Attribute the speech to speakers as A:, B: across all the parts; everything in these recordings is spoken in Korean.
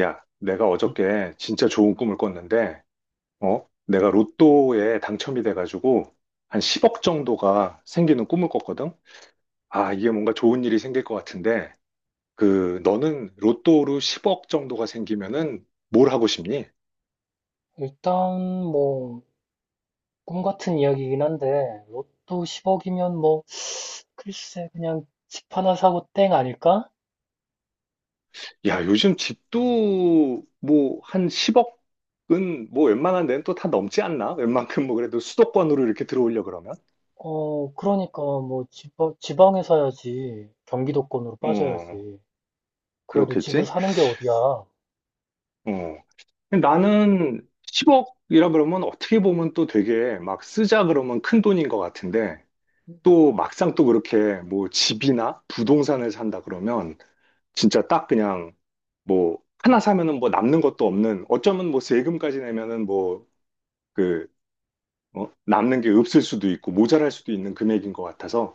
A: 야, 내가 어저께 진짜 좋은 꿈을 꿨는데, 어? 내가 로또에 당첨이 돼가지고 한 10억 정도가 생기는 꿈을 꿨거든? 아, 이게 뭔가 좋은 일이 생길 것 같은데, 그, 너는 로또로 10억 정도가 생기면은 뭘 하고 싶니?
B: 일단 뭐 꿈 같은 이야기이긴 한데 로또 10억이면 뭐 글쎄 그냥 집 하나 사고 땡 아닐까?
A: 야, 요즘 집도 뭐 한 10억은 뭐 웬만한 데는 또 다 넘지 않나? 웬만큼 뭐 그래도 수도권으로 이렇게 들어오려 그러면?
B: 어, 그러니까 뭐 지방에 사야지. 경기도권으로
A: 어,
B: 빠져야지. 그래도 집을
A: 그렇겠지?
B: 사는 게 어디야?
A: 어, 나는 10억이라 그러면 어떻게 보면 또 되게 막 쓰자 그러면 큰 돈인 것 같은데 또 막상 또 그렇게 뭐 집이나 부동산을 산다 그러면 진짜 딱 그냥 뭐 하나 사면은 뭐 남는 것도 없는 어쩌면 뭐 세금까지 내면은 뭐그 어? 남는 게 없을 수도 있고 모자랄 수도 있는 금액인 것 같아서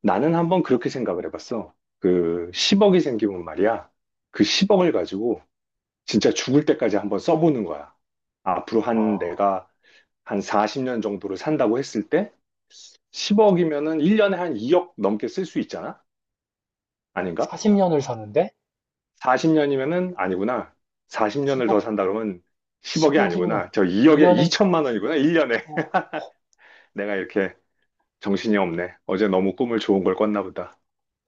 A: 나는 한번 그렇게 생각을 해봤어. 그 10억이 생기면 말이야. 그 10억을 가지고 진짜 죽을 때까지 한번 써보는 거야. 앞으로 한
B: 아,
A: 내가 한 40년 정도를 산다고 했을 때 10억이면은 1년에 한 2억 넘게 쓸 수 있잖아? 아닌가?
B: 40년을 사는데
A: 40년이면은 아니구나. 40년을 더
B: 10억,
A: 산다 그러면 10억이
B: 10억이면
A: 아니구나. 저 2억에
B: 1년에,
A: 2천만 원이구나. 1년에.
B: 어,
A: 내가 이렇게 정신이 없네. 어제 너무 꿈을 좋은 걸 꿨나 보다.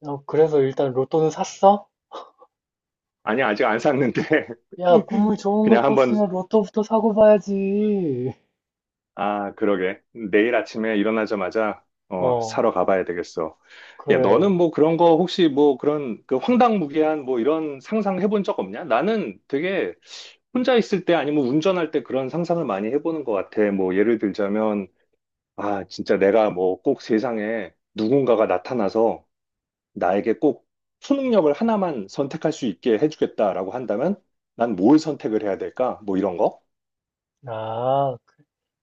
B: 어, 그래서 일단 로또는 샀어?
A: 아니, 아직 안 샀는데
B: 야, 꿈을 좋은 걸
A: 그냥 한번
B: 꿨으면 로또부터 사고 봐야지.
A: 아, 그러게. 내일 아침에 일어나자마자, 어,
B: 어,
A: 사러 가봐야 되겠어. 야, 너는
B: 그래.
A: 뭐 그런 거 혹시 뭐 그런 그 황당무계한 뭐 이런 상상 해본 적 없냐? 나는 되게 혼자 있을 때 아니면 운전할 때 그런 상상을 많이 해보는 것 같아. 뭐 예를 들자면, 아, 진짜 내가 뭐 꼭 세상에 누군가가 나타나서 나에게 꼭 초능력을 하나만 선택할 수 있게 해주겠다라고 한다면 난 뭘 선택을 해야 될까? 뭐 이런 거?
B: 아,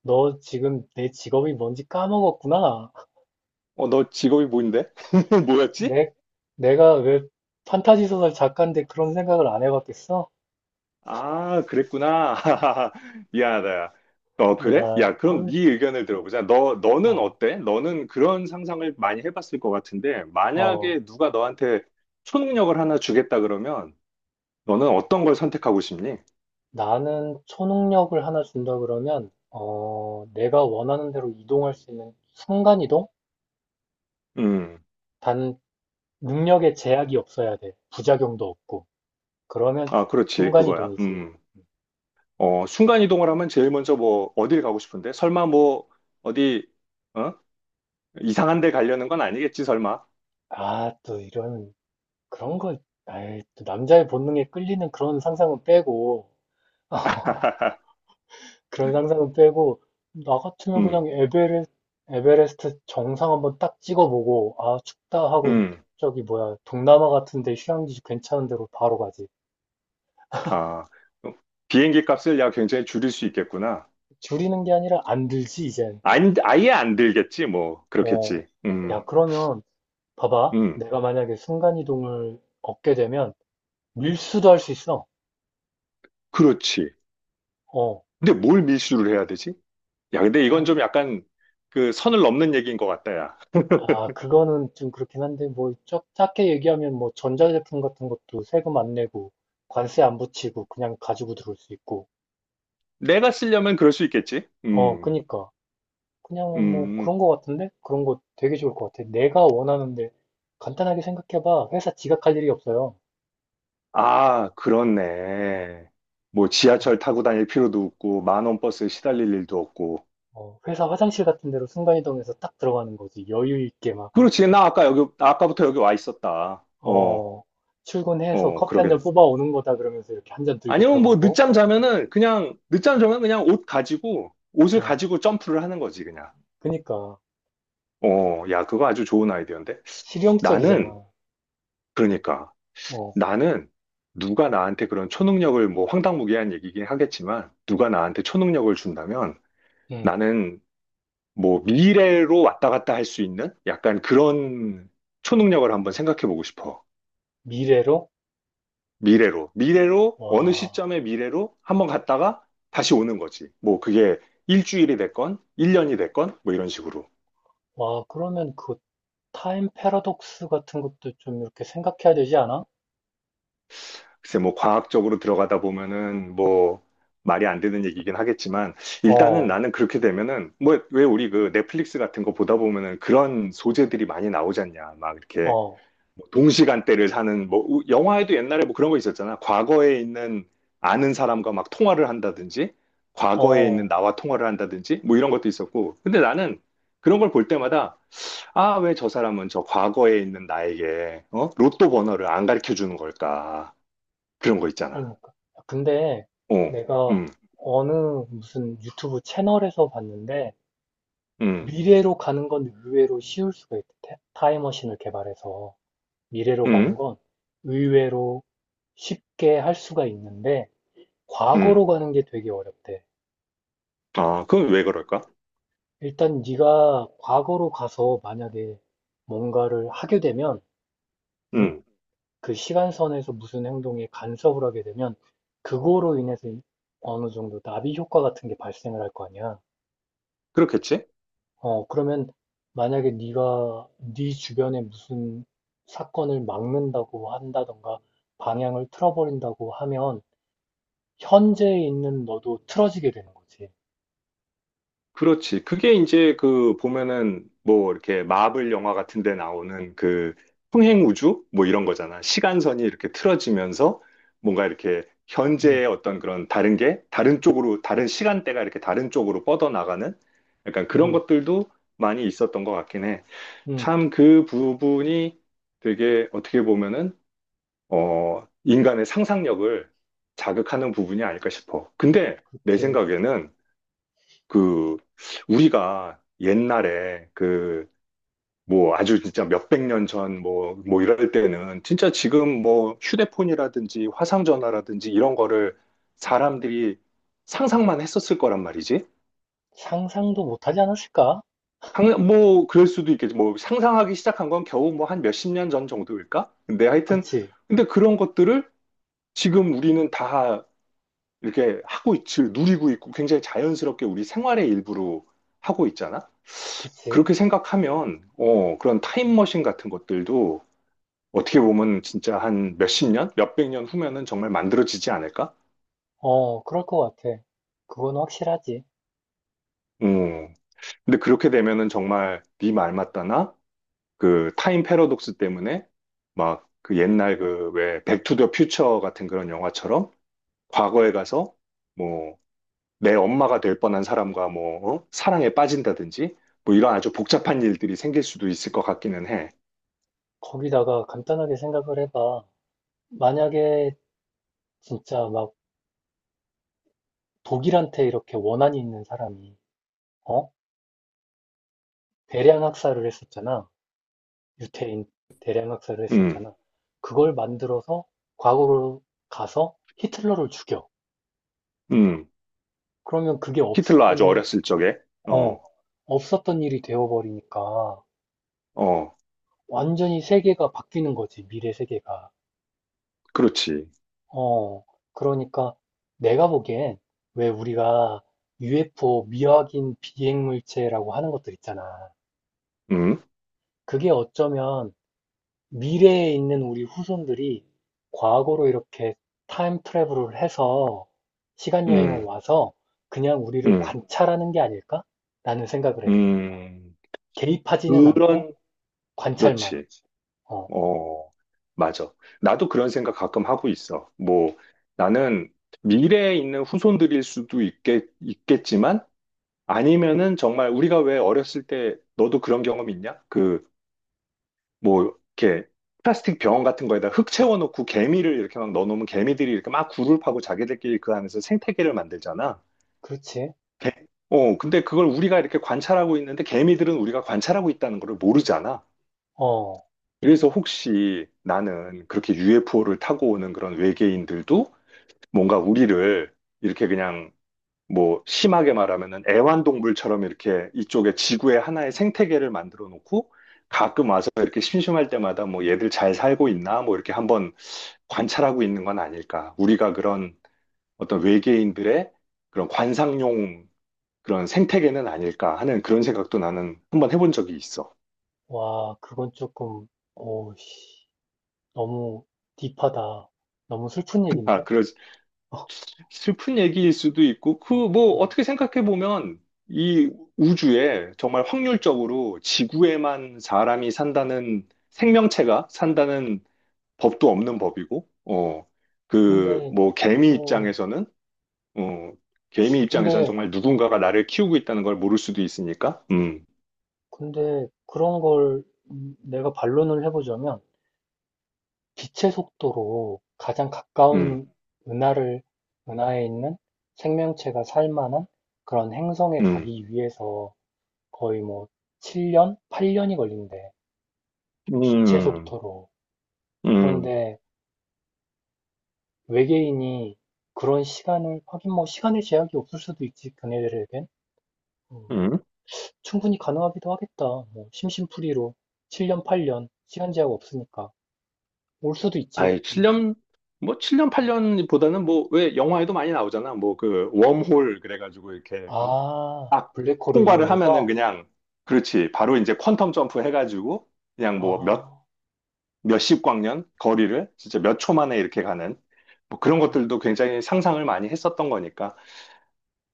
B: 너 지금 내 직업이 뭔지 까먹었구나.
A: 어, 너 직업이 뭐인데? 뭐였지?
B: 내, 내가 왜 판타지 소설 작가인데 그런 생각을 안 해봤겠어?
A: 아, 그랬구나. 미안하다. 어, 그래?
B: 야,
A: 야, 그럼 네 의견을 들어보자. 너, 너는
B: 어,
A: 어때? 너는 그런 상상을 많이 해봤을 것 같은데,
B: 어,
A: 만약에 누가 너한테 초능력을 하나 주겠다 그러면, 너는 어떤 걸 선택하고 싶니?
B: 나는 초능력을 하나 준다 그러면, 내가 원하는 대로 이동할 수 있는 순간이동?
A: 음,
B: 단, 능력에 제약이 없어야 돼. 부작용도 없고. 그러면
A: 아, 그렇지. 그거야.
B: 순간이동이지.
A: 어, 순간이동을 하면 제일 먼저 뭐, 어딜 가고 싶은데? 설마 뭐, 어디, 어? 이상한 데 가려는 건 아니겠지, 설마?
B: 아, 또 이런, 그런 걸, 아이, 또 남자의 본능에 끌리는 그런 상상은 빼고, 나 같으면 그냥
A: 음,
B: 에베레스트 정상 한번 딱 찍어보고, 아, 춥다 하고,
A: 음,
B: 저기 뭐야, 동남아 같은데 휴양지 괜찮은 데로 바로 가지.
A: 아, 어, 비행기 값을 야, 굉장히 줄일 수 있겠구나.
B: 줄이는 게 아니라 안 들지, 이젠.
A: 안, 아예 안 들겠지, 뭐.
B: 어,
A: 그렇겠지.
B: 야, 그러면, 봐봐.
A: 음,
B: 내가 만약에 순간이동을 얻게 되면, 밀수도 할 수 있어.
A: 그렇지.
B: 어,
A: 근데 뭘 밀수를 해야 되지? 야, 근데 이건
B: 어.
A: 좀 약간 그 선을 넘는 얘기인 것 같다, 야.
B: 아, 그거는 좀 그렇긴 한데, 뭐, 작게 얘기하면 뭐, 전자제품 같은 것도 세금 안 내고, 관세 안 붙이고, 그냥 가지고 들어올 수 있고,
A: 내가 쓰려면 그럴 수 있겠지?
B: 어, 그니까. 그냥 뭐
A: 음.
B: 그런 거 같은데? 그런 거 되게 좋을 것 같아. 내가 원하는데 간단하게 생각해봐. 회사 지각할 일이 없어요.
A: 아, 그렇네. 뭐 지하철
B: 어,
A: 타고 다닐 필요도 없고, 만원 버스에 시달릴 일도 없고.
B: 어, 회사 화장실 같은 데로 순간이동해서 딱 들어가는 거지. 여유 있게 막,
A: 그렇지. 나 아까 여기, 나 아까부터 여기 와 있었다. 어,
B: 어, 출근해서
A: 어,
B: 커피 한잔
A: 그러겠네.
B: 뽑아오는 거다 그러면서 이렇게 한잔 들고
A: 아니면 뭐
B: 들어가고.
A: 늦잠 자면은 그냥, 늦잠 자면 그냥 옷 가지고, 옷을
B: 어,
A: 가지고 점프를 하는 거지, 그냥.
B: 그니까.
A: 어, 야, 그거 아주 좋은 아이디어인데? 나는,
B: 실용적이잖아.
A: 그러니까,
B: 어,
A: 나는 누가 나한테 그런 초능력을, 뭐 황당무계한 얘기긴 하겠지만, 누가 나한테 초능력을 준다면
B: 음,
A: 나는 뭐 미래로 왔다 갔다 할 수 있는 약간 그런 초능력을 한번 생각해 보고 싶어.
B: 미래로?
A: 미래로. 미래로, 어느
B: 와,
A: 시점의 미래로 한번 갔다가 다시 오는 거지. 뭐 그게 일주일이 됐건, 일년이 됐건, 뭐 이런 식으로.
B: 와, 그러면 그 타임 패러독스 같은 것도 좀 이렇게 생각해야 되지 않아?
A: 글쎄 뭐 과학적으로 들어가다 보면은 뭐 말이 안 되는 얘기긴 하겠지만 일단은
B: 어,
A: 나는 그렇게 되면은 뭐 왜 우리 그 넷플릭스 같은 거 보다 보면은 그런 소재들이 많이 나오지 않냐 막 이렇게
B: 어,
A: 뭐 동시간대를 사는 뭐 영화에도 옛날에 뭐 그런 거 있었잖아 과거에 있는 아는 사람과 막 통화를 한다든지 과거에 있는
B: 어.
A: 나와 통화를 한다든지 뭐 이런 것도 있었고 근데 나는 그런 걸 볼 때마다 아 왜 저 사람은 저 과거에 있는 나에게 어? 로또 번호를 안 가르쳐 주는 걸까 그런 거 있잖아.
B: 그러니까. 근데
A: 어,
B: 내가
A: 음,
B: 어느 무슨 유튜브 채널에서 봤는데
A: 음,
B: 미래로 가는 건 의외로 쉬울 수가 있대. 타임머신을 개발해서 미래로 가는
A: 음,
B: 건 의외로 쉽게 할 수가 있는데
A: 음.
B: 과거로 가는 게 되게 어렵대.
A: 아, 그건 왜 그럴까?
B: 일단 네가 과거로 가서 만약에 뭔가를 하게 되면, 응?
A: 음,
B: 그 시간선에서 무슨 행동에 간섭을 하게 되면 그거로 인해서 어느 정도 나비 효과 같은 게 발생을 할 거 아니야.
A: 그렇겠지?
B: 그러면 만약에 네가 네 주변에 무슨 사건을 막는다고 한다던가 방향을 틀어버린다고 하면 현재에 있는 너도 틀어지게 되는 거지.
A: 그렇지. 그게 이제 그 보면은 뭐 이렇게 마블 영화 같은 데 나오는 그 평행 우주? 뭐 이런 거잖아. 시간선이 이렇게 틀어지면서 뭔가 이렇게
B: 응,
A: 현재의 어떤 그런 다른 게 다른 쪽으로, 다른 시간대가 이렇게 다른 쪽으로 뻗어나가는 약간 그런
B: 응,
A: 것들도 많이 있었던 것 같긴 해.
B: 응,
A: 참 그 부분이 되게 어떻게 보면은 어, 인간의 상상력을 자극하는 부분이 아닐까 싶어. 근데 내
B: 그치.
A: 생각에는 그 우리가 옛날에 그 뭐 아주 진짜 몇백 년 전 뭐 뭐 이럴 때는 진짜 지금 뭐 휴대폰이라든지 화상전화라든지 이런 거를 사람들이 상상만 했었을 거란 말이지.
B: 상상도 못하지 않았을까?
A: 뭐 그럴 수도 있겠지. 뭐 상상하기 시작한 건 겨우 뭐 한 몇십 년 전 정도일까? 근데 하여튼
B: 그치,
A: 근데 그런 것들을 지금 우리는 다 이렇게 하고 있지, 누리고 있고 굉장히 자연스럽게 우리 생활의 일부로 하고 있잖아?
B: 그치.
A: 그렇게 생각하면, 어, 그런 타임머신 같은 것들도 어떻게 보면 진짜 한 몇십 년? 몇백 년 후면은 정말 만들어지지 않을까?
B: 어, 그럴 것 같아. 그건 확실하지.
A: 음. 근데 그렇게 되면은 정말 네 말 맞다나? 그 타임 패러독스 때문에 막 그 옛날 그 왜 백투더 퓨처 같은 그런 영화처럼 과거에 가서 뭐 내 엄마가 될 뻔한 사람과 뭐, 어? 사랑에 빠진다든지, 뭐 이런 아주 복잡한 일들이 생길 수도 있을 것 같기는 해.
B: 거기다가 간단하게 생각을 해봐. 만약에 진짜 막 독일한테 이렇게 원한이 있는 사람이, 어? 대량 학살을 했었잖아. 유태인 대량 학살을
A: 음,
B: 했었잖아. 그걸 만들어서 과거로 가서 히틀러를 죽여.
A: 음.
B: 그러면 그게
A: 히틀러 아주 어렸을 적에,
B: 어,
A: 어,
B: 없었던 일이 되어버리니까
A: 어,
B: 완전히 세계가 바뀌는 거지, 미래 세계가.
A: 그렇지.
B: 어, 그러니까 내가 보기엔 왜 우리가 UFO 미확인 비행 물체라고 하는 것들 있잖아.
A: 음,
B: 그게 어쩌면 미래에 있는 우리 후손들이 과거로 이렇게 타임 트래블을 해서 시간 여행을
A: 음,
B: 와서 그냥 우리를
A: 음,
B: 관찰하는 게 아닐까? 라는 생각을 해.
A: 음.
B: 개입하지는 않고
A: 그런,
B: 관찰만.
A: 그렇지.
B: 그렇지. 어,
A: 어, 맞아. 나도 그런 생각 가끔 하고 있어. 뭐, 나는 미래에 있는 후손들일 수도 있겠, 있겠지만, 아니면은 정말 우리가 왜 어렸을 때 너도 그런 경험 있냐? 그 뭐 이렇게 플라스틱 병 같은 거에다 흙 채워놓고 개미를 이렇게 막 넣어놓으면 개미들이 이렇게 막 굴을 파고 자기들끼리 그 안에서 생태계를 만들잖아.
B: 그렇지.
A: 개- 어, 근데 그걸 우리가 이렇게 관찰하고 있는데 개미들은 우리가 관찰하고 있다는 걸 모르잖아.
B: 어,
A: 그래서 혹시 나는 그렇게 UFO를 타고 오는 그런 외계인들도 뭔가 우리를 이렇게 그냥 뭐 심하게 말하면은 애완동물처럼 이렇게 이쪽에 지구의 하나의 생태계를 만들어 놓고 가끔 와서 이렇게 심심할 때마다 뭐 얘들 잘 살고 있나 뭐 이렇게 한번 관찰하고 있는 건 아닐까. 우리가 그런 어떤 외계인들의 그런 관상용 그런 생태계는 아닐까 하는 그런 생각도 나는 한번 해본 적이 있어.
B: 와, 그건 조금, 오, 씨, 너무 딥하다. 너무 슬픈
A: 아,
B: 얘기인데?
A: 그러, 슬픈 얘기일 수도 있고, 그, 뭐,
B: 어,
A: 어떻게 생각해 보면, 이 우주에 정말 확률적으로 지구에만 사람이 산다는 생명체가 산다는 법도 없는 법이고, 어, 그,
B: 근데,
A: 뭐, 개미 입장에서는, 어, 개미 입장에서는
B: 근데,
A: 정말 누군가가 나를 키우고 있다는 걸 모를 수도 있으니까,
B: 그런 걸, 내가 반론을 해보자면, 기체 속도로 가장
A: 음,
B: 가까운 은하를 은하에 있는 생명체가 살 만한 그런 행성에
A: 음,
B: 가기 위해서 거의 뭐 7년, 8년이 걸린대. 빛의
A: 음,
B: 속도로.
A: 음,
B: 그런데 외계인이 그런 시간을, 하긴 뭐 시간의 제약이 없을 수도 있지, 그네들에겐. 음,
A: 음, 음.
B: 충분히 가능하기도 하겠다. 뭐 심심풀이로 7년, 8년 시간 제약 없으니까 올 수도 있지.
A: 아이,
B: 음.
A: 7년, 뭐, 칠년 8년보다는 뭐, 왜 영화에도 많이 나오잖아. 뭐, 그, 웜홀, 그래가지고, 이렇게, 응?
B: 아,
A: 딱
B: 블랙홀을
A: 통과를 하면은
B: 이용해서?
A: 그냥, 그렇지. 바로 이제 퀀텀 점프 해가지고, 그냥 뭐, 몇,
B: 아,
A: 몇십 광년 거리를 진짜 몇 초 만에 이렇게 가는, 뭐, 그런
B: 어.
A: 것들도 굉장히 상상을 많이 했었던 거니까.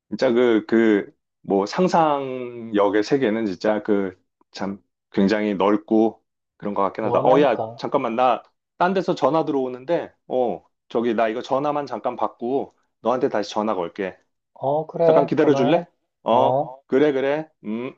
A: 진짜 그, 그, 뭐 상상력의 세계는 진짜 그 참 굉장히 넓고 그런 것 같긴 하다. 어, 야,
B: 무한하니까.
A: 잠깐만. 나 딴 데서 전화 들어오는데, 어, 저기 나 이거 전화만 잠깐 받고 너한테 다시 전화 걸게.
B: 어,
A: 잠깐
B: 그래.
A: 기다려
B: 전화해.
A: 줄래? 어,
B: 어.
A: 그래, 그래. 음.